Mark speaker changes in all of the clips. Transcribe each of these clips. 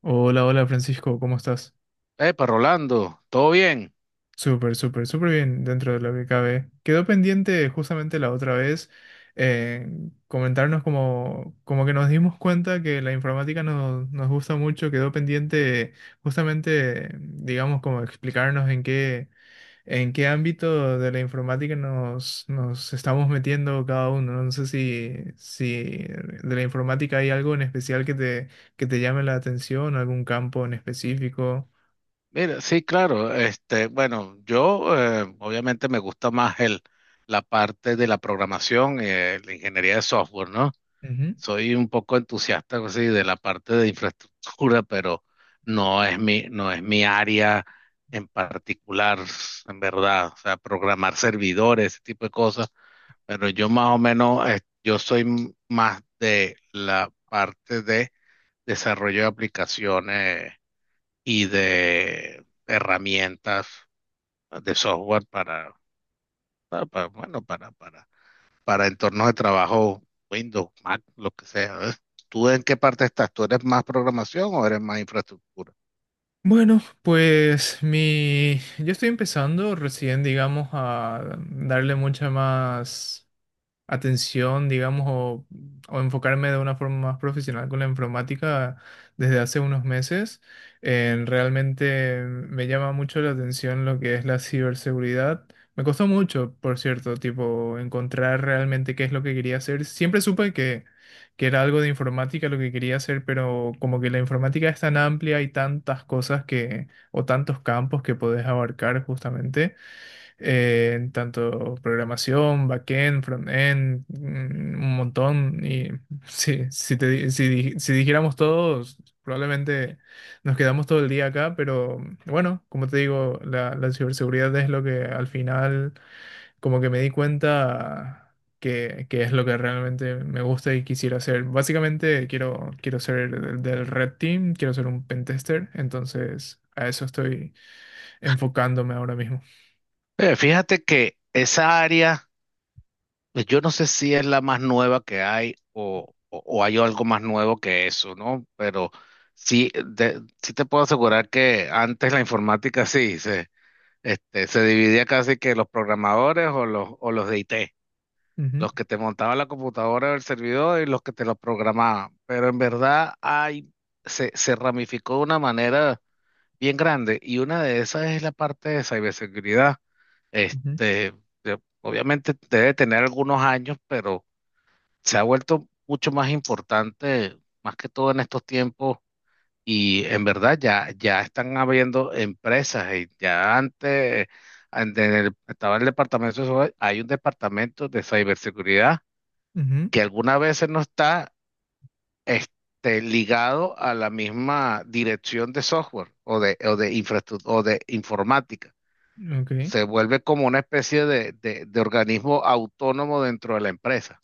Speaker 1: Hola, hola Francisco, ¿cómo estás?
Speaker 2: Epa, Rolando, ¿todo bien?
Speaker 1: Súper, súper, súper bien dentro de lo que cabe. Quedó pendiente justamente la otra vez, eh, comentarnos como, que nos dimos cuenta que la informática nos gusta mucho, quedó pendiente justamente, digamos, como explicarnos en qué, ámbito de la informática nos estamos metiendo cada uno. No sé si de la informática hay algo en especial que te llame la atención, algún campo en específico.
Speaker 2: Mira, sí, claro, este, bueno, yo obviamente me gusta más la parte de la programación, la ingeniería de software, ¿no? Soy un poco entusiasta así, de la parte de infraestructura, pero no es mi área en particular, en verdad, o sea, programar servidores, ese tipo de cosas, pero yo más o menos, yo soy más de la parte de desarrollo de aplicaciones y de herramientas de software para para entornos de trabajo, Windows, Mac, lo que sea. ¿Ves? ¿Tú en qué parte estás? ¿Tú eres más programación o eres más infraestructura?
Speaker 1: Bueno, pues yo estoy empezando recién, digamos, a darle mucha más atención, digamos, o enfocarme de una forma más profesional con la informática desde hace unos meses. Realmente me llama mucho la atención lo que es la ciberseguridad. Me costó mucho, por cierto, tipo, encontrar realmente qué es lo que quería hacer. Siempre supe que era algo de informática lo que quería hacer, pero como que la informática es tan amplia y tantas cosas que, o tantos campos que podés abarcar justamente, en tanto programación, backend, frontend, un montón. Y sí, si, te di- si dijéramos todos, probablemente nos quedamos todo el día acá, pero bueno, como te digo, la ciberseguridad es lo que al final como que me di cuenta... Que es lo que realmente me gusta y quisiera hacer. Básicamente quiero ser del Red Team, quiero ser un pentester, entonces a eso estoy enfocándome ahora mismo.
Speaker 2: Fíjate que esa área, pues, yo no sé si es la más nueva que hay o o hay algo más nuevo que eso, ¿no? Pero sí, sí te puedo asegurar que antes la informática sí se, este, se dividía casi que los programadores o los de IT.
Speaker 1: Ujú,
Speaker 2: Los que te montaban la computadora o el servidor y los que te lo programaban. Pero en verdad hay, se ramificó de una manera bien grande y una de esas es la parte de ciberseguridad.
Speaker 1: ujú.
Speaker 2: Este, obviamente debe tener algunos años, pero se ha vuelto mucho más importante, más que todo en estos tiempos. Y en verdad ya están habiendo empresas y ya antes estaba el departamento de, hay un departamento de ciberseguridad
Speaker 1: Ujú,
Speaker 2: que algunas veces no está este, ligado a la misma dirección de software o de infraestructura o de informática.
Speaker 1: ok.
Speaker 2: Se vuelve como una especie de, de organismo autónomo dentro de la empresa.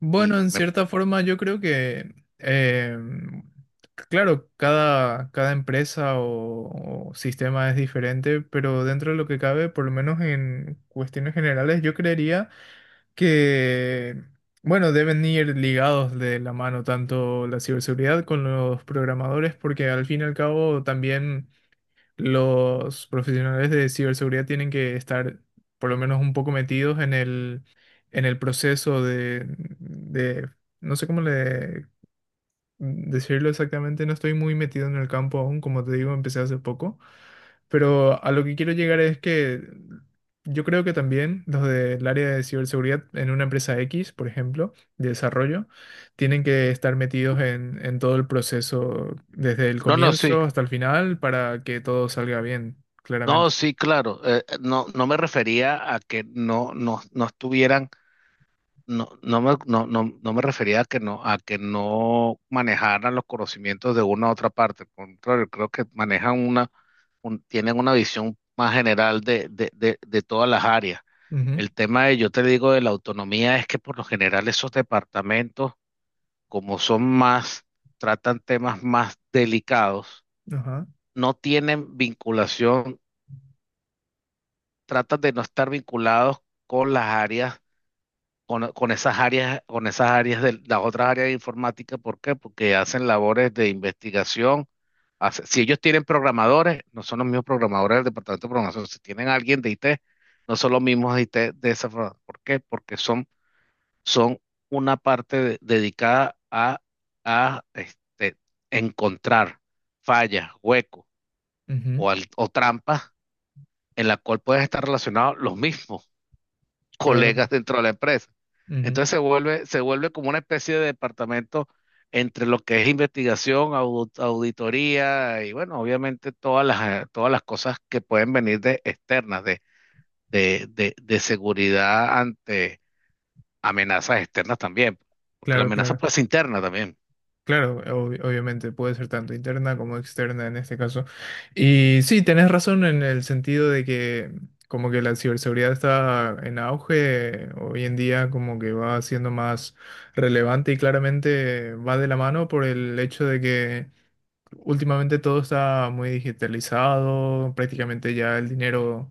Speaker 1: Bueno,
Speaker 2: Y
Speaker 1: en
Speaker 2: me-
Speaker 1: cierta forma yo creo que, claro, cada empresa o sistema es diferente, pero dentro de lo que cabe, por lo menos en cuestiones generales, yo creería que, bueno, deben ir ligados de la mano tanto la ciberseguridad con los programadores, porque al fin y al cabo también... los profesionales de ciberseguridad tienen que estar por lo menos un poco metidos en el proceso de- no sé cómo le decirlo exactamente, no estoy muy metido en el campo aún, como te digo, empecé hace poco, pero a lo que quiero llegar es que yo creo que también los del área de ciberseguridad en una empresa X, por ejemplo, de desarrollo, tienen que estar metidos en todo el proceso desde el
Speaker 2: no, no, sí.
Speaker 1: comienzo hasta el final para que todo salga bien,
Speaker 2: No,
Speaker 1: claramente.
Speaker 2: sí, claro. No, no me refería a que no, no, no estuvieran, no me refería a que no manejaran los conocimientos de una a otra parte. Al contrario, creo que manejan una tienen una visión más general de todas las áreas.
Speaker 1: Ujú,
Speaker 2: El tema de, yo te digo, de la autonomía es que por lo general esos departamentos, como son más, tratan temas más delicados,
Speaker 1: ajá.
Speaker 2: no tienen vinculación, tratan de no estar vinculados con las áreas con esas áreas de las otras áreas de informática. ¿Por qué? Porque hacen labores de investigación. Si ellos tienen programadores, no son los mismos programadores del departamento de programación. Si tienen alguien de IT, no son los mismos de IT de esa forma. ¿Por qué? Son una dedicada a este, encontrar fallas, huecos
Speaker 1: Ujú,
Speaker 2: o trampas en la cual pueden estar relacionados los mismos
Speaker 1: claro.
Speaker 2: colegas dentro de la empresa.
Speaker 1: Ujú,
Speaker 2: Entonces se vuelve como una especie de departamento entre lo que es investigación, auditoría y bueno, obviamente todas las cosas que pueden venir de externas, de seguridad ante amenazas externas también, porque la
Speaker 1: claro,
Speaker 2: amenaza
Speaker 1: claro.
Speaker 2: puede ser interna también.
Speaker 1: Claro, obviamente puede ser tanto interna como externa en este caso. Y sí, tenés razón en el sentido de que como que la ciberseguridad está en auge, hoy en día como que va siendo más relevante y claramente va de la mano por el hecho de que últimamente todo está muy digitalizado, prácticamente ya el dinero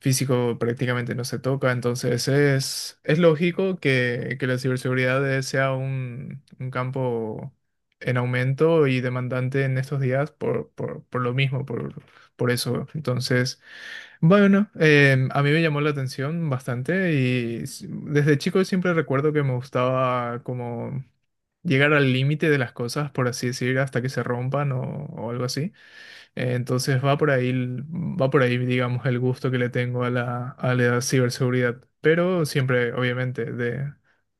Speaker 1: físico prácticamente no se toca, entonces es lógico que la ciberseguridad sea un campo en aumento y demandante en estos días por, por lo mismo, por eso. Entonces, bueno, a mí me llamó la atención bastante y desde chico siempre recuerdo que me gustaba como llegar al límite de las cosas, por así decir, hasta que se rompan o algo así. Entonces va por ahí, va por ahí, digamos, el gusto que le tengo a la ciberseguridad. Pero siempre, obviamente,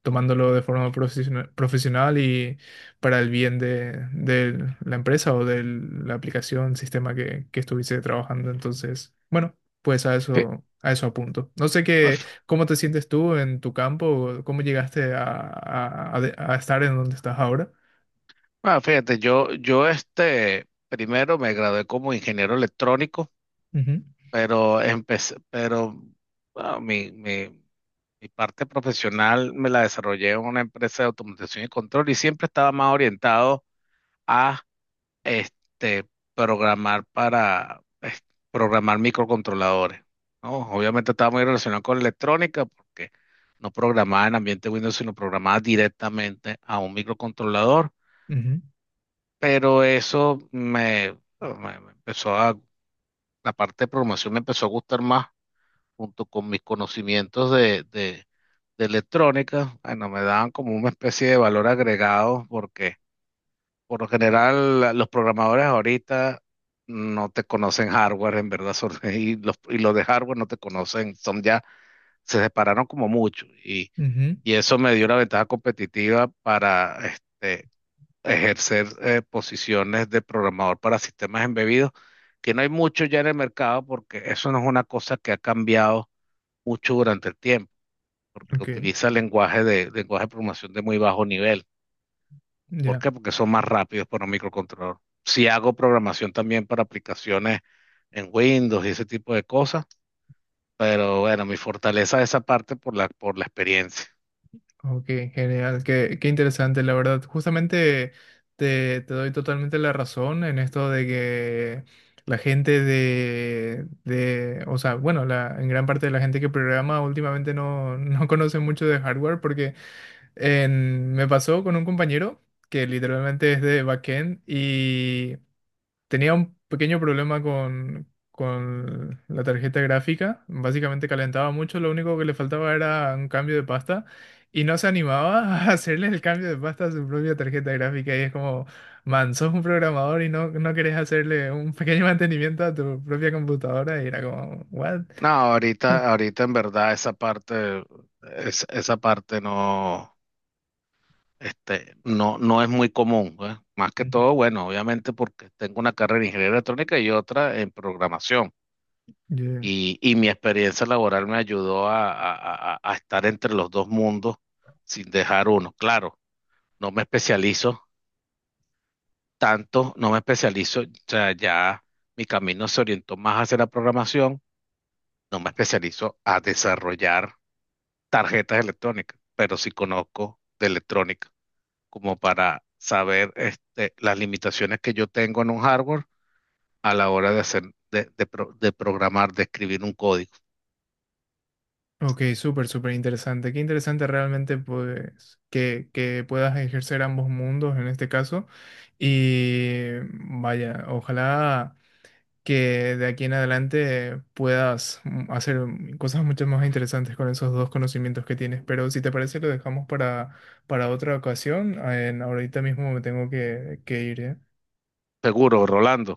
Speaker 1: tomándolo de forma profesional y para el bien de la empresa o de la aplicación, sistema que estuviese trabajando. Entonces, bueno, pues a
Speaker 2: Sí.
Speaker 1: eso, a eso apunto. No sé cómo te sientes tú en tu campo, cómo llegaste a estar en donde estás ahora.
Speaker 2: Ah, fíjate, yo este, primero me gradué como ingeniero electrónico,
Speaker 1: Ujú,
Speaker 2: pero empecé, pero bueno, mi parte profesional me la desarrollé en una empresa de automatización y control y siempre estaba más orientado a este, programar para es- programar microcontroladores, ¿no? Obviamente estaba muy relacionado con la electrónica porque no programaba en ambiente Windows, sino programaba directamente a un microcontrolador.
Speaker 1: ujú,
Speaker 2: Pero me empezó a, la parte de programación me empezó a gustar más, junto con mis conocimientos de electrónica, bueno, me daban como una especie de valor agregado, porque por lo general los programadores ahorita no te conocen hardware, en verdad, son, y y los de hardware no te conocen, son ya, se separaron como mucho,
Speaker 1: ujú.
Speaker 2: y eso me dio una ventaja competitiva para, este, ejercer posiciones de programador para sistemas embebidos, que no hay mucho ya en el mercado porque eso no es una cosa que ha cambiado mucho durante el tiempo, porque
Speaker 1: Ok,
Speaker 2: utiliza lenguaje de programación de muy bajo nivel. ¿Por
Speaker 1: ya.
Speaker 2: qué? Porque son más rápidos para un microcontrolador. Si hago programación también para aplicaciones en Windows y ese tipo de cosas, pero bueno, mi fortaleza es esa parte por la experiencia.
Speaker 1: Ok, genial, qué interesante, la verdad. Justamente te doy totalmente la razón en esto de que la gente o sea, bueno, en gran parte de la gente que programa últimamente no, no conoce mucho de hardware porque me pasó con un compañero que literalmente es de backend. Tenía un pequeño problema con la tarjeta gráfica. Básicamente calentaba mucho, lo único que le faltaba era un cambio de pasta y no se animaba a hacerle el cambio de pasta a su propia tarjeta gráfica. Y es como, man, sos un programador y no querés hacerle un pequeño mantenimiento a tu propia computadora. Y era como, what?
Speaker 2: No, ahorita en verdad esa parte, esa parte no. Este, no, no es muy común, pues. Más que
Speaker 1: Ujú.
Speaker 2: todo, bueno, obviamente porque tengo una carrera en ingeniería electrónica y otra en programación.
Speaker 1: Yo-
Speaker 2: Y mi experiencia laboral me ayudó a, a estar entre los dos mundos sin dejar uno. Claro, no me especializo tanto, no me especializo, o sea, ya mi camino se orientó más hacia la programación, no me especializo a desarrollar tarjetas electrónicas, pero sí conozco de electrónica. Como para saber este, las limitaciones que yo tengo en un hardware a la hora de hacer, de programar, de escribir un código.
Speaker 1: Ok, súper, súper interesante. Qué interesante realmente pues que puedas ejercer ambos mundos en este caso. Y vaya, ojalá que de aquí en adelante puedas hacer cosas mucho más interesantes con esos dos conocimientos que tienes. Pero si te parece, lo dejamos para, otra ocasión. Ahorita mismo me tengo que ir, ¿eh?
Speaker 2: Seguro, Rolando,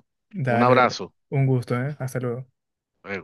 Speaker 2: un
Speaker 1: Dale, dale.
Speaker 2: abrazo.
Speaker 1: Un gusto, ¿eh? Hasta luego.
Speaker 2: Eh,